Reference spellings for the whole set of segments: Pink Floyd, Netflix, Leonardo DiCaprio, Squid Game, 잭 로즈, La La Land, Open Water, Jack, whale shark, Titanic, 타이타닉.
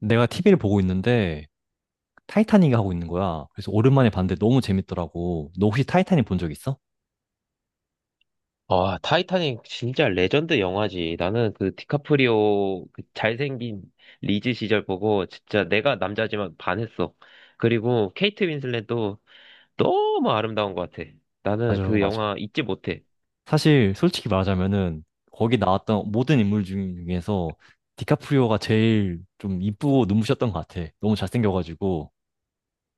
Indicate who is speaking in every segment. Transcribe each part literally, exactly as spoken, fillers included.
Speaker 1: 내가 티비를 보고 있는데 타이타닉이 하고 있는 거야. 그래서 오랜만에 봤는데 너무 재밌더라고. 너 혹시 타이타닉 본 적 있어?
Speaker 2: 아, 타이타닉 진짜 레전드 영화지. 나는 그 디카프리오 그 잘생긴 리즈 시절 보고 진짜 내가 남자지만 반했어. 그리고 케이트 윈슬렛도 너무 아름다운 것 같아. 나는
Speaker 1: 맞아,
Speaker 2: 그
Speaker 1: 맞아.
Speaker 2: 영화 잊지 못해.
Speaker 1: 사실 솔직히 말하자면은 거기 나왔던 모든 인물 중에서 디카프리오가 제일 좀 이쁘고 눈부셨던 것 같아. 너무 잘생겨가지고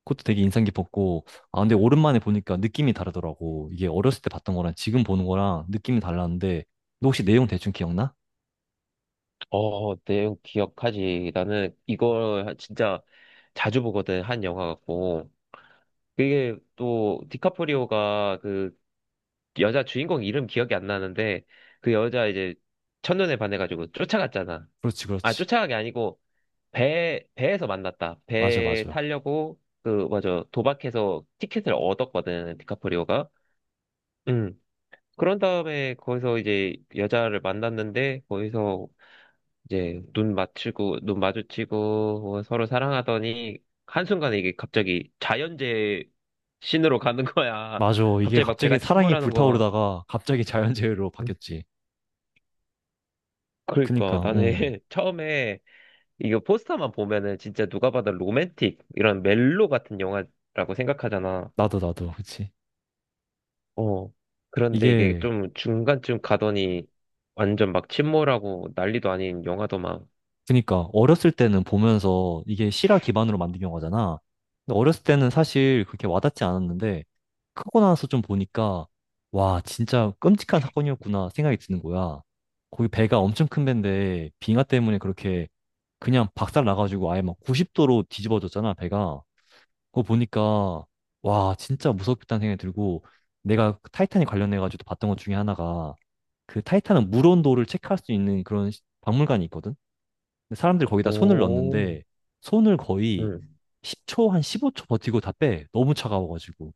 Speaker 1: 그것도 되게 인상 깊었고 아 근데 오랜만에 보니까 느낌이 다르더라고. 이게 어렸을 때 봤던 거랑 지금 보는 거랑 느낌이 달랐는데 너 혹시 내용 대충 기억나?
Speaker 2: 어, 내용 기억하지. 나는 이걸 진짜 자주 보거든, 한 영화 같고. 그게 또 디카프리오가 그 여자 주인공 이름 기억이 안 나는데 그 여자 이제 첫눈에 반해가지고 쫓아갔잖아.
Speaker 1: 그렇지,
Speaker 2: 아,
Speaker 1: 그렇지.
Speaker 2: 쫓아간 게 아니고 배, 배에서 만났다.
Speaker 1: 맞아,
Speaker 2: 배
Speaker 1: 맞아.
Speaker 2: 타려고, 그, 맞아. 도박해서 티켓을 얻었거든, 디카프리오가. 응. 그런 다음에 거기서 이제 여자를 만났는데, 거기서 이제 눈 맞추고, 눈 마주치고, 뭐 서로 사랑하더니, 한순간에 이게 갑자기 자연재해 으로 가는 거야.
Speaker 1: 맞아. 이게
Speaker 2: 갑자기 막
Speaker 1: 갑자기
Speaker 2: 배가
Speaker 1: 사랑이
Speaker 2: 침몰하는 거.
Speaker 1: 불타오르다가 갑자기 자연재해로
Speaker 2: 응.
Speaker 1: 바뀌었지.
Speaker 2: 그러니까
Speaker 1: 그니까,
Speaker 2: 나는
Speaker 1: 음.
Speaker 2: 처음에 이거 포스터만 보면은 진짜 누가 봐도 로맨틱, 이런 멜로 같은 영화라고 생각하잖아.
Speaker 1: 나도, 나도. 그치.
Speaker 2: 어. 그런데 이게
Speaker 1: 이게,
Speaker 2: 좀 중간쯤 가더니 완전 막 침몰하고 난리도 아닌 영화더만.
Speaker 1: 그니까, 어렸을 때는 보면서 이게 실화 기반으로 만든 영화잖아. 근데 어렸을 때는 사실 그렇게 와닿지 않았는데, 크고 나서 좀 보니까, 와, 진짜 끔찍한 사건이었구나 생각이 드는 거야. 거기 배가 엄청 큰 배인데, 빙하 때문에 그렇게 그냥 박살 나가지고 아예 막 구십 도로 뒤집어졌잖아, 배가. 그거 보니까 와 진짜 무섭겠다는 생각이 들고 내가 그 타이탄에 관련해가지고 봤던 것 중에 하나가 그 타이탄은 물 온도를 체크할 수 있는 그런 시- 박물관이 있거든. 근데 사람들이 거기다 손을
Speaker 2: 오,
Speaker 1: 넣는데 손을 거의
Speaker 2: 응.
Speaker 1: 십 초 한 십오 초 버티고 다 빼. 너무 차가워가지고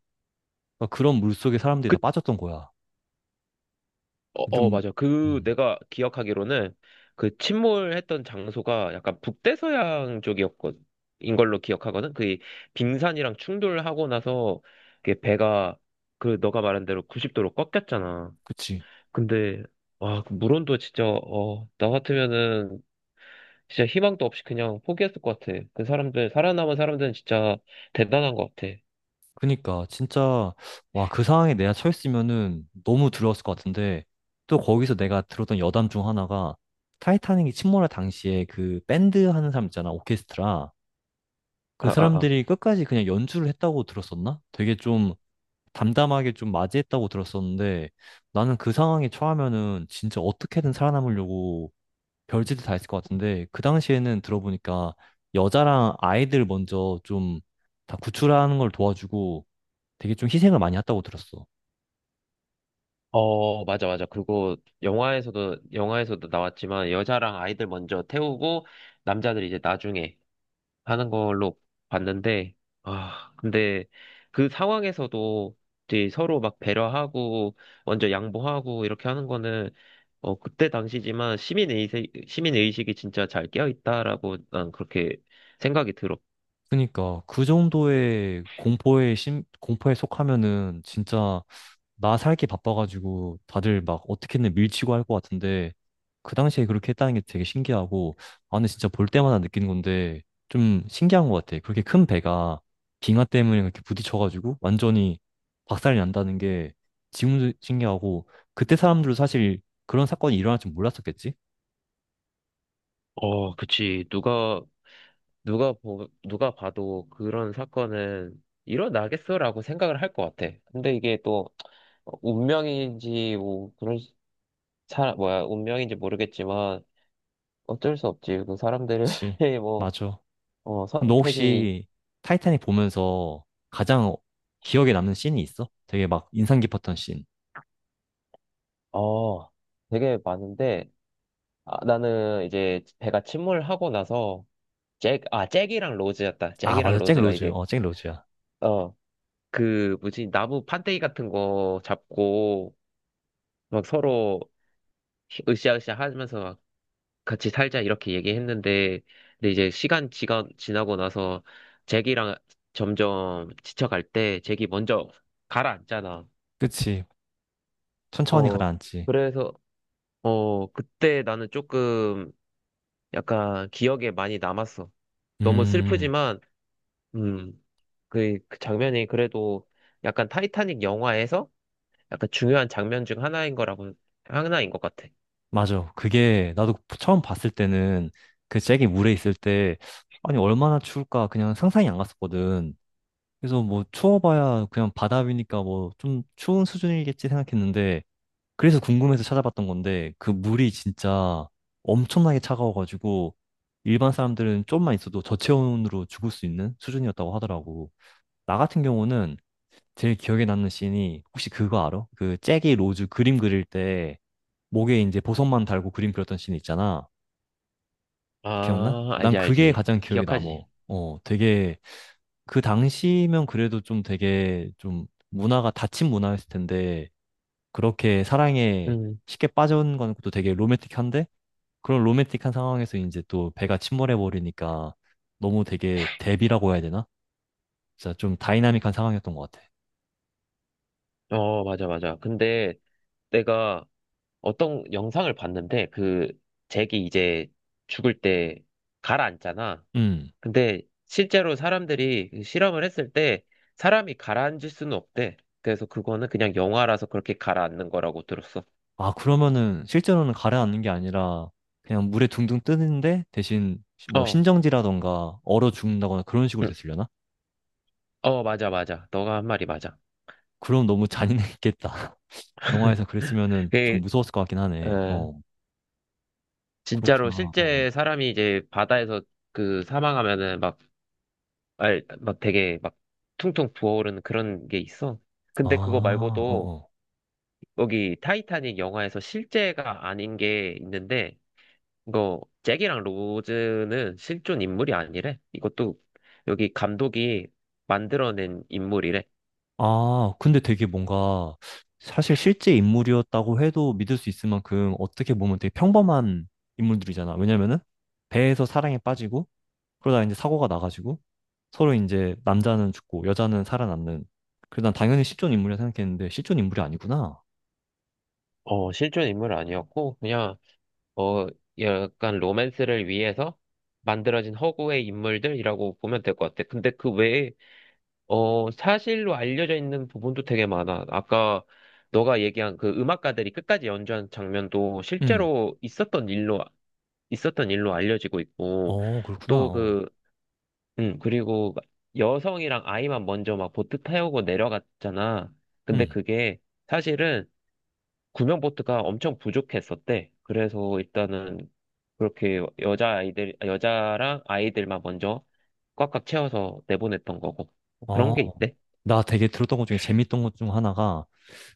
Speaker 1: 그러니까 그런 물 속에 사람들이
Speaker 2: 그,
Speaker 1: 다 빠졌던 거야.
Speaker 2: 어, 어,
Speaker 1: 좀
Speaker 2: 맞아. 그
Speaker 1: 음,
Speaker 2: 내가 기억하기로는 그 침몰했던 장소가 약간 북대서양 쪽이었거든. 인 걸로 기억하거든. 그 빙산이랑 충돌하고 나서 그 배가 그 너가 말한 대로 구십 도로 꺾였잖아.
Speaker 1: 그치.
Speaker 2: 근데 와, 그 물온도 진짜 어, 나 같으면은 진짜 희망도 없이 그냥 포기했을 것 같아. 그 사람들, 살아남은 사람들은 진짜 대단한 것 같아.
Speaker 1: 그니까 진짜 와 그 상황에 내가 처했으면은 너무 두려웠을 것 같은데 또 거기서 내가 들었던 여담 중 하나가 타이타닉이 침몰할 당시에 그 밴드 하는 사람 있잖아 오케스트라 그
Speaker 2: 아, 아, 아.
Speaker 1: 사람들이 끝까지 그냥 연주를 했다고 들었었나? 되게 좀 담담하게 좀 맞이했다고 들었었는데 나는 그 상황에 처하면은 진짜 어떻게든 살아남으려고 별짓을 다 했을 것 같은데 그 당시에는 들어보니까 여자랑 아이들 먼저 좀 다 구출하는 걸 도와주고 되게 좀 희생을 많이 했다고 들었어.
Speaker 2: 어, 맞아, 맞아. 그리고 영화에서도, 영화에서도 나왔지만 여자랑 아이들 먼저 태우고 남자들 이제 나중에 하는 걸로 봤는데, 아, 근데 그 상황에서도 이제 서로 막 배려하고 먼저 양보하고 이렇게 하는 거는 어, 그때 당시지만 시민의식, 시민의식이 진짜 잘 깨어있다라고 난 그렇게 생각이 들어.
Speaker 1: 그러니까 그 정도의 공포에 심, 공포에 속하면은 진짜 나 살기 바빠가지고 다들 막 어떻게든 밀치고 할 것 같은데 그 당시에 그렇게 했다는 게 되게 신기하고 아 근데 진짜 볼 때마다 느끼는 건데 좀 신기한 것 같아. 그렇게 큰 배가 빙하 때문에 그렇게 부딪혀가지고 완전히 박살이 난다는 게 지금도 신기하고 그때 사람들도 사실 그런 사건이 일어날 줄 몰랐었겠지?
Speaker 2: 어, 그치. 누가, 누가 보, 누가 봐도 그런 사건은 일어나겠어라고 생각을 할 것 같아. 근데 이게 또, 운명인지, 뭐, 그런, 사, 뭐야, 운명인지 모르겠지만, 어쩔 수 없지. 그 사람들의,
Speaker 1: 그치.
Speaker 2: 뭐,
Speaker 1: 맞아.
Speaker 2: 어,
Speaker 1: 그럼 너
Speaker 2: 선택이,
Speaker 1: 혹시 타이타닉 보면서 가장 기억에 남는 씬이 있어? 되게 막 인상 깊었던 씬.
Speaker 2: 어, 되게 많은데, 아, 나는 이제 배가 침몰하고 나서, 잭, 아, 잭이랑 로즈였다.
Speaker 1: 아,
Speaker 2: 잭이랑
Speaker 1: 맞아. 잭
Speaker 2: 로즈가
Speaker 1: 로즈.
Speaker 2: 이제,
Speaker 1: 어, 잭 로즈야.
Speaker 2: 어, 그, 뭐지, 나무 판때기 같은 거 잡고, 막 서로, 으쌰으쌰 하면서 막 같이 살자 이렇게 얘기했는데 근데 이제 시간 지가, 지나고 나서 잭이랑 점점 지쳐갈 때 잭이 먼저 가라앉잖아.
Speaker 1: 그치. 천천히
Speaker 2: 어
Speaker 1: 가라앉지.
Speaker 2: 그래서 어 그때 나는 조금 약간 기억에 많이 남았어. 너무
Speaker 1: 음,
Speaker 2: 슬프지만 음그 그그 장면이 그래도 약간 타이타닉 영화에서 약간 중요한 장면 중 하나인 거라고 하나인 것 같아.
Speaker 1: 맞아. 그게 나도 처음 봤을 때는 그 잭이 물에 있을 때 아니 얼마나 추울까 그냥 상상이 안 갔었거든. 그래서 뭐 추워봐야 그냥 바다 위니까 뭐 좀 추운 수준이겠지 생각했는데 그래서 궁금해서 찾아봤던 건데 그 물이 진짜 엄청나게 차가워가지고 일반 사람들은 좀만 있어도 저체온으로 죽을 수 있는 수준이었다고 하더라고. 나 같은 경우는 제일 기억에 남는 씬이 혹시 그거 알아? 그 잭이 로즈 그림 그릴 때 목에 이제 보석만 달고 그림 그렸던 씬 있잖아. 기억나?
Speaker 2: 아
Speaker 1: 난
Speaker 2: 알지
Speaker 1: 그게
Speaker 2: 알지
Speaker 1: 가장 기억에 남어.
Speaker 2: 기억하지.
Speaker 1: 어, 되게 그 당시면 그래도 좀 되게 좀 문화가 닫힌 문화였을 텐데 그렇게 사랑에
Speaker 2: 음.
Speaker 1: 쉽게 빠져온 건 것도 되게 로맨틱한데 그런 로맨틱한 상황에서 이제 또 배가 침몰해 버리니까 너무 되게 대비라고 해야 되나? 진짜 좀 다이나믹한 상황이었던 것 같아.
Speaker 2: 어, 맞아, 맞아. 근데 내가 어떤 영상을 봤는데 그 잭이 이제 죽을 때 가라앉잖아.
Speaker 1: 음.
Speaker 2: 근데 실제로 사람들이 그 실험을 했을 때 사람이 가라앉을 수는 없대. 그래서 그거는 그냥 영화라서 그렇게 가라앉는 거라고 들었어.
Speaker 1: 아, 그러면은 실제로는 가라앉는 게 아니라 그냥 물에 둥둥 뜨는데 대신 시- 뭐
Speaker 2: 어,
Speaker 1: 신정지라던가 얼어 죽는다거나 그런 식으로
Speaker 2: 응.
Speaker 1: 됐으려나?
Speaker 2: 어, 맞아, 맞아. 너가 한 말이 맞아.
Speaker 1: 그럼 너무 잔인했겠다. 영화에서 그랬으면은 좀
Speaker 2: 그,
Speaker 1: 무서웠을 것 같긴 하네.
Speaker 2: 어,
Speaker 1: 어,
Speaker 2: 진짜로
Speaker 1: 그렇구나. 어.
Speaker 2: 실제 사람이 이제 바다에서 그 사망하면은 막 알, 막 되게 막 퉁퉁 부어오르는 그런 게 있어.
Speaker 1: 아,
Speaker 2: 근데 그거
Speaker 1: 어,
Speaker 2: 말고도
Speaker 1: 어.
Speaker 2: 여기 타이타닉 영화에서 실제가 아닌 게 있는데 이거 잭이랑 로즈는 실존 인물이 아니래. 이것도 여기 감독이 만들어낸 인물이래.
Speaker 1: 아, 근데 되게 뭔가 사실 실제 인물이었다고 해도 믿을 수 있을 만큼 어떻게 보면 되게 평범한 인물들이잖아. 왜냐면은 배에서 사랑에 빠지고 그러다 이제 사고가 나가지고 서로 이제 남자는 죽고 여자는 살아남는. 그래서 난 당연히 실존 인물이라 생각했는데 실존 인물이 아니구나.
Speaker 2: 어, 실존 인물 아니었고 그냥 어 약간 로맨스를 위해서 만들어진 허구의 인물들이라고 보면 될 것 같아. 근데 그 외에 어, 사실로 알려져 있는 부분도 되게 많아. 아까 너가 얘기한 그 음악가들이 끝까지 연주한 장면도
Speaker 1: 응.
Speaker 2: 실제로 있었던 일로, 있었던 일로 알려지고 있고,
Speaker 1: 어, 그렇구나.
Speaker 2: 또
Speaker 1: 어.
Speaker 2: 그, 음, 그리고 여성이랑 아이만 먼저 막 보트 태우고 내려갔잖아. 근데
Speaker 1: 응.
Speaker 2: 그게 사실은 구명보트가 엄청 부족했었대. 그래서 일단은 그렇게 여자아이들, 여자랑 아이들만 먼저 꽉꽉 채워서 내보냈던 거고. 그런
Speaker 1: 어.
Speaker 2: 게 있대.
Speaker 1: 나 되게 들었던 것 중에 재밌던 것 중 하나가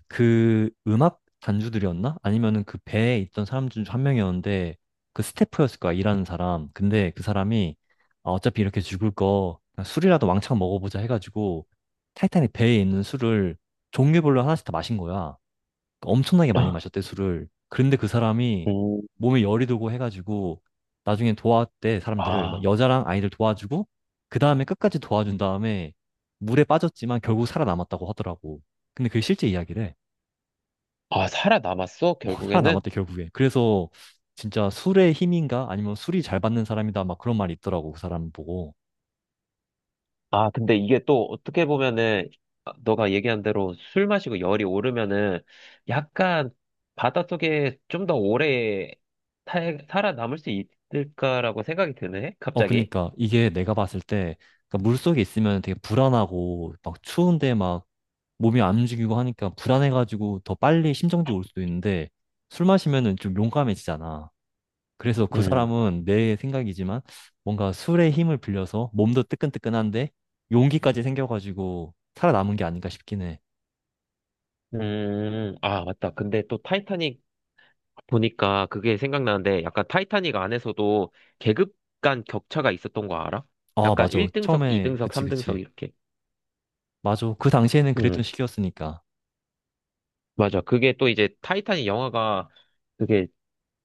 Speaker 1: 그 음악 단주들이었나? 아니면은 그 배에 있던 사람 중 한 명이었는데 그 스태프였을 거야, 일하는 사람. 근데 그 사람이 아, 어차피 이렇게 죽을 거 그냥 술이라도 왕창 먹어보자 해가지고 타이탄이 배에 있는 술을 종류별로 하나씩 다 마신 거야. 그러니까 엄청나게 많이 마셨대, 술을. 그런데 그 사람이
Speaker 2: 음,
Speaker 1: 몸에 열이 들고 해가지고 나중에 도왔대, 사람들을. 막
Speaker 2: 아,
Speaker 1: 여자랑 아이들 도와주고, 그 다음에 끝까지 도와준 다음에 물에 빠졌지만 결국 살아남았다고 하더라고. 근데 그게 실제 이야기래.
Speaker 2: 아, 살아남았어,
Speaker 1: 어,
Speaker 2: 결국에는?
Speaker 1: 살아남았대, 결국에. 그래서 진짜 술의 힘인가? 아니면 술이 잘 받는 사람이다. 막 그런 말이 있더라고, 그 사람 보고.
Speaker 2: 아, 근데 이게 또 어떻게 보면은, 아, 너가 얘기한 대로 술 마시고 열이 오르면은, 약간 바닷속에 좀 더 오래 탈- 살아남을 수 있을까라고 생각이 드네,
Speaker 1: 어,
Speaker 2: 갑자기.
Speaker 1: 그니까 이게 내가 봤을 때, 그러니까 물속에 있으면 되게 불안하고, 막 추운데 막 몸이 안 움직이고 하니까 불안해가지고 더 빨리 심정지 올 수도 있는데 술 마시면은 좀 용감해지잖아. 그래서 그
Speaker 2: 음,
Speaker 1: 사람은 내 생각이지만 뭔가 술의 힘을 빌려서 몸도 뜨끈뜨끈한데 용기까지 생겨가지고 살아남은 게 아닌가 싶긴 해.
Speaker 2: 음, 아, 맞다. 근데 또 타이타닉 보니까 그게 생각나는데, 약간 타이타닉 안에서도 계급 간 격차가 있었던 거 알아?
Speaker 1: 아,
Speaker 2: 약간
Speaker 1: 맞아.
Speaker 2: 일등석,
Speaker 1: 처음에,
Speaker 2: 이등석,
Speaker 1: 그치,
Speaker 2: 삼등석
Speaker 1: 그치.
Speaker 2: 이렇게.
Speaker 1: 맞아. 그 당시에는 그랬던 시기였으니까.
Speaker 2: 맞아. 그게 또 이제 타이탄이 영화가 그게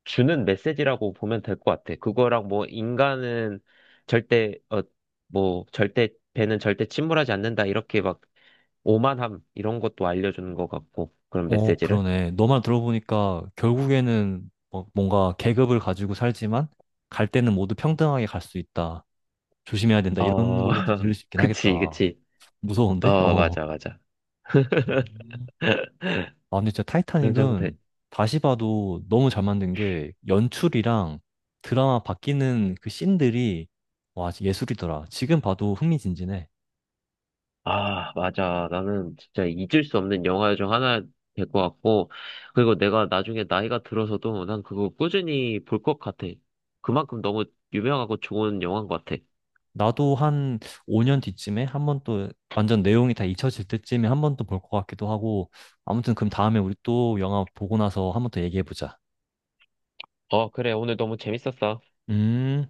Speaker 2: 주는 메시지라고 보면 될 것 같아. 그거랑 뭐 인간은 절대, 어, 뭐 절대, 배는 절대 침몰하지 않는다. 이렇게 막 오만함 이런 것도 알려주는 것 같고. 그런
Speaker 1: 어,
Speaker 2: 메시지를.
Speaker 1: 그러네. 너만 들어보니까 결국에는 뭐- 뭔가 계급을 가지고 살지만 갈 때는 모두 평등하게 갈 수 있다. 조심해야 된다. 이런
Speaker 2: 어,
Speaker 1: 걸로도 들릴 수 있긴
Speaker 2: 그치,
Speaker 1: 하겠다.
Speaker 2: 그치.
Speaker 1: 무서운데?
Speaker 2: 어,
Speaker 1: 어.
Speaker 2: 맞아, 맞아.
Speaker 1: 아, 근데 진짜
Speaker 2: 그런 정도.
Speaker 1: 타이타닉은 다시 봐도 너무 잘 만든 게 연출이랑 드라마 바뀌는 그 씬들이 와, 예술이더라. 지금 봐도 흥미진진해.
Speaker 2: 아, 맞아. 나는 진짜 잊을 수 없는 영화 중 하나 될 것 같고, 그리고 내가 나중에 나이가 들어서도 난 그거 꾸준히 볼 것 같아. 그만큼 너무 유명하고 좋은 영화인 것 같아.
Speaker 1: 나도 한 오 년 뒤쯤에 한 번 또 완전 내용이 다 잊혀질 때쯤에 한 번 또 볼 것 같기도 하고 아무튼 그럼 다음에 우리 또 영화 보고 나서 한 번 더 얘기해보자.
Speaker 2: 어, 그래. 오늘 너무 재밌었어.
Speaker 1: 음.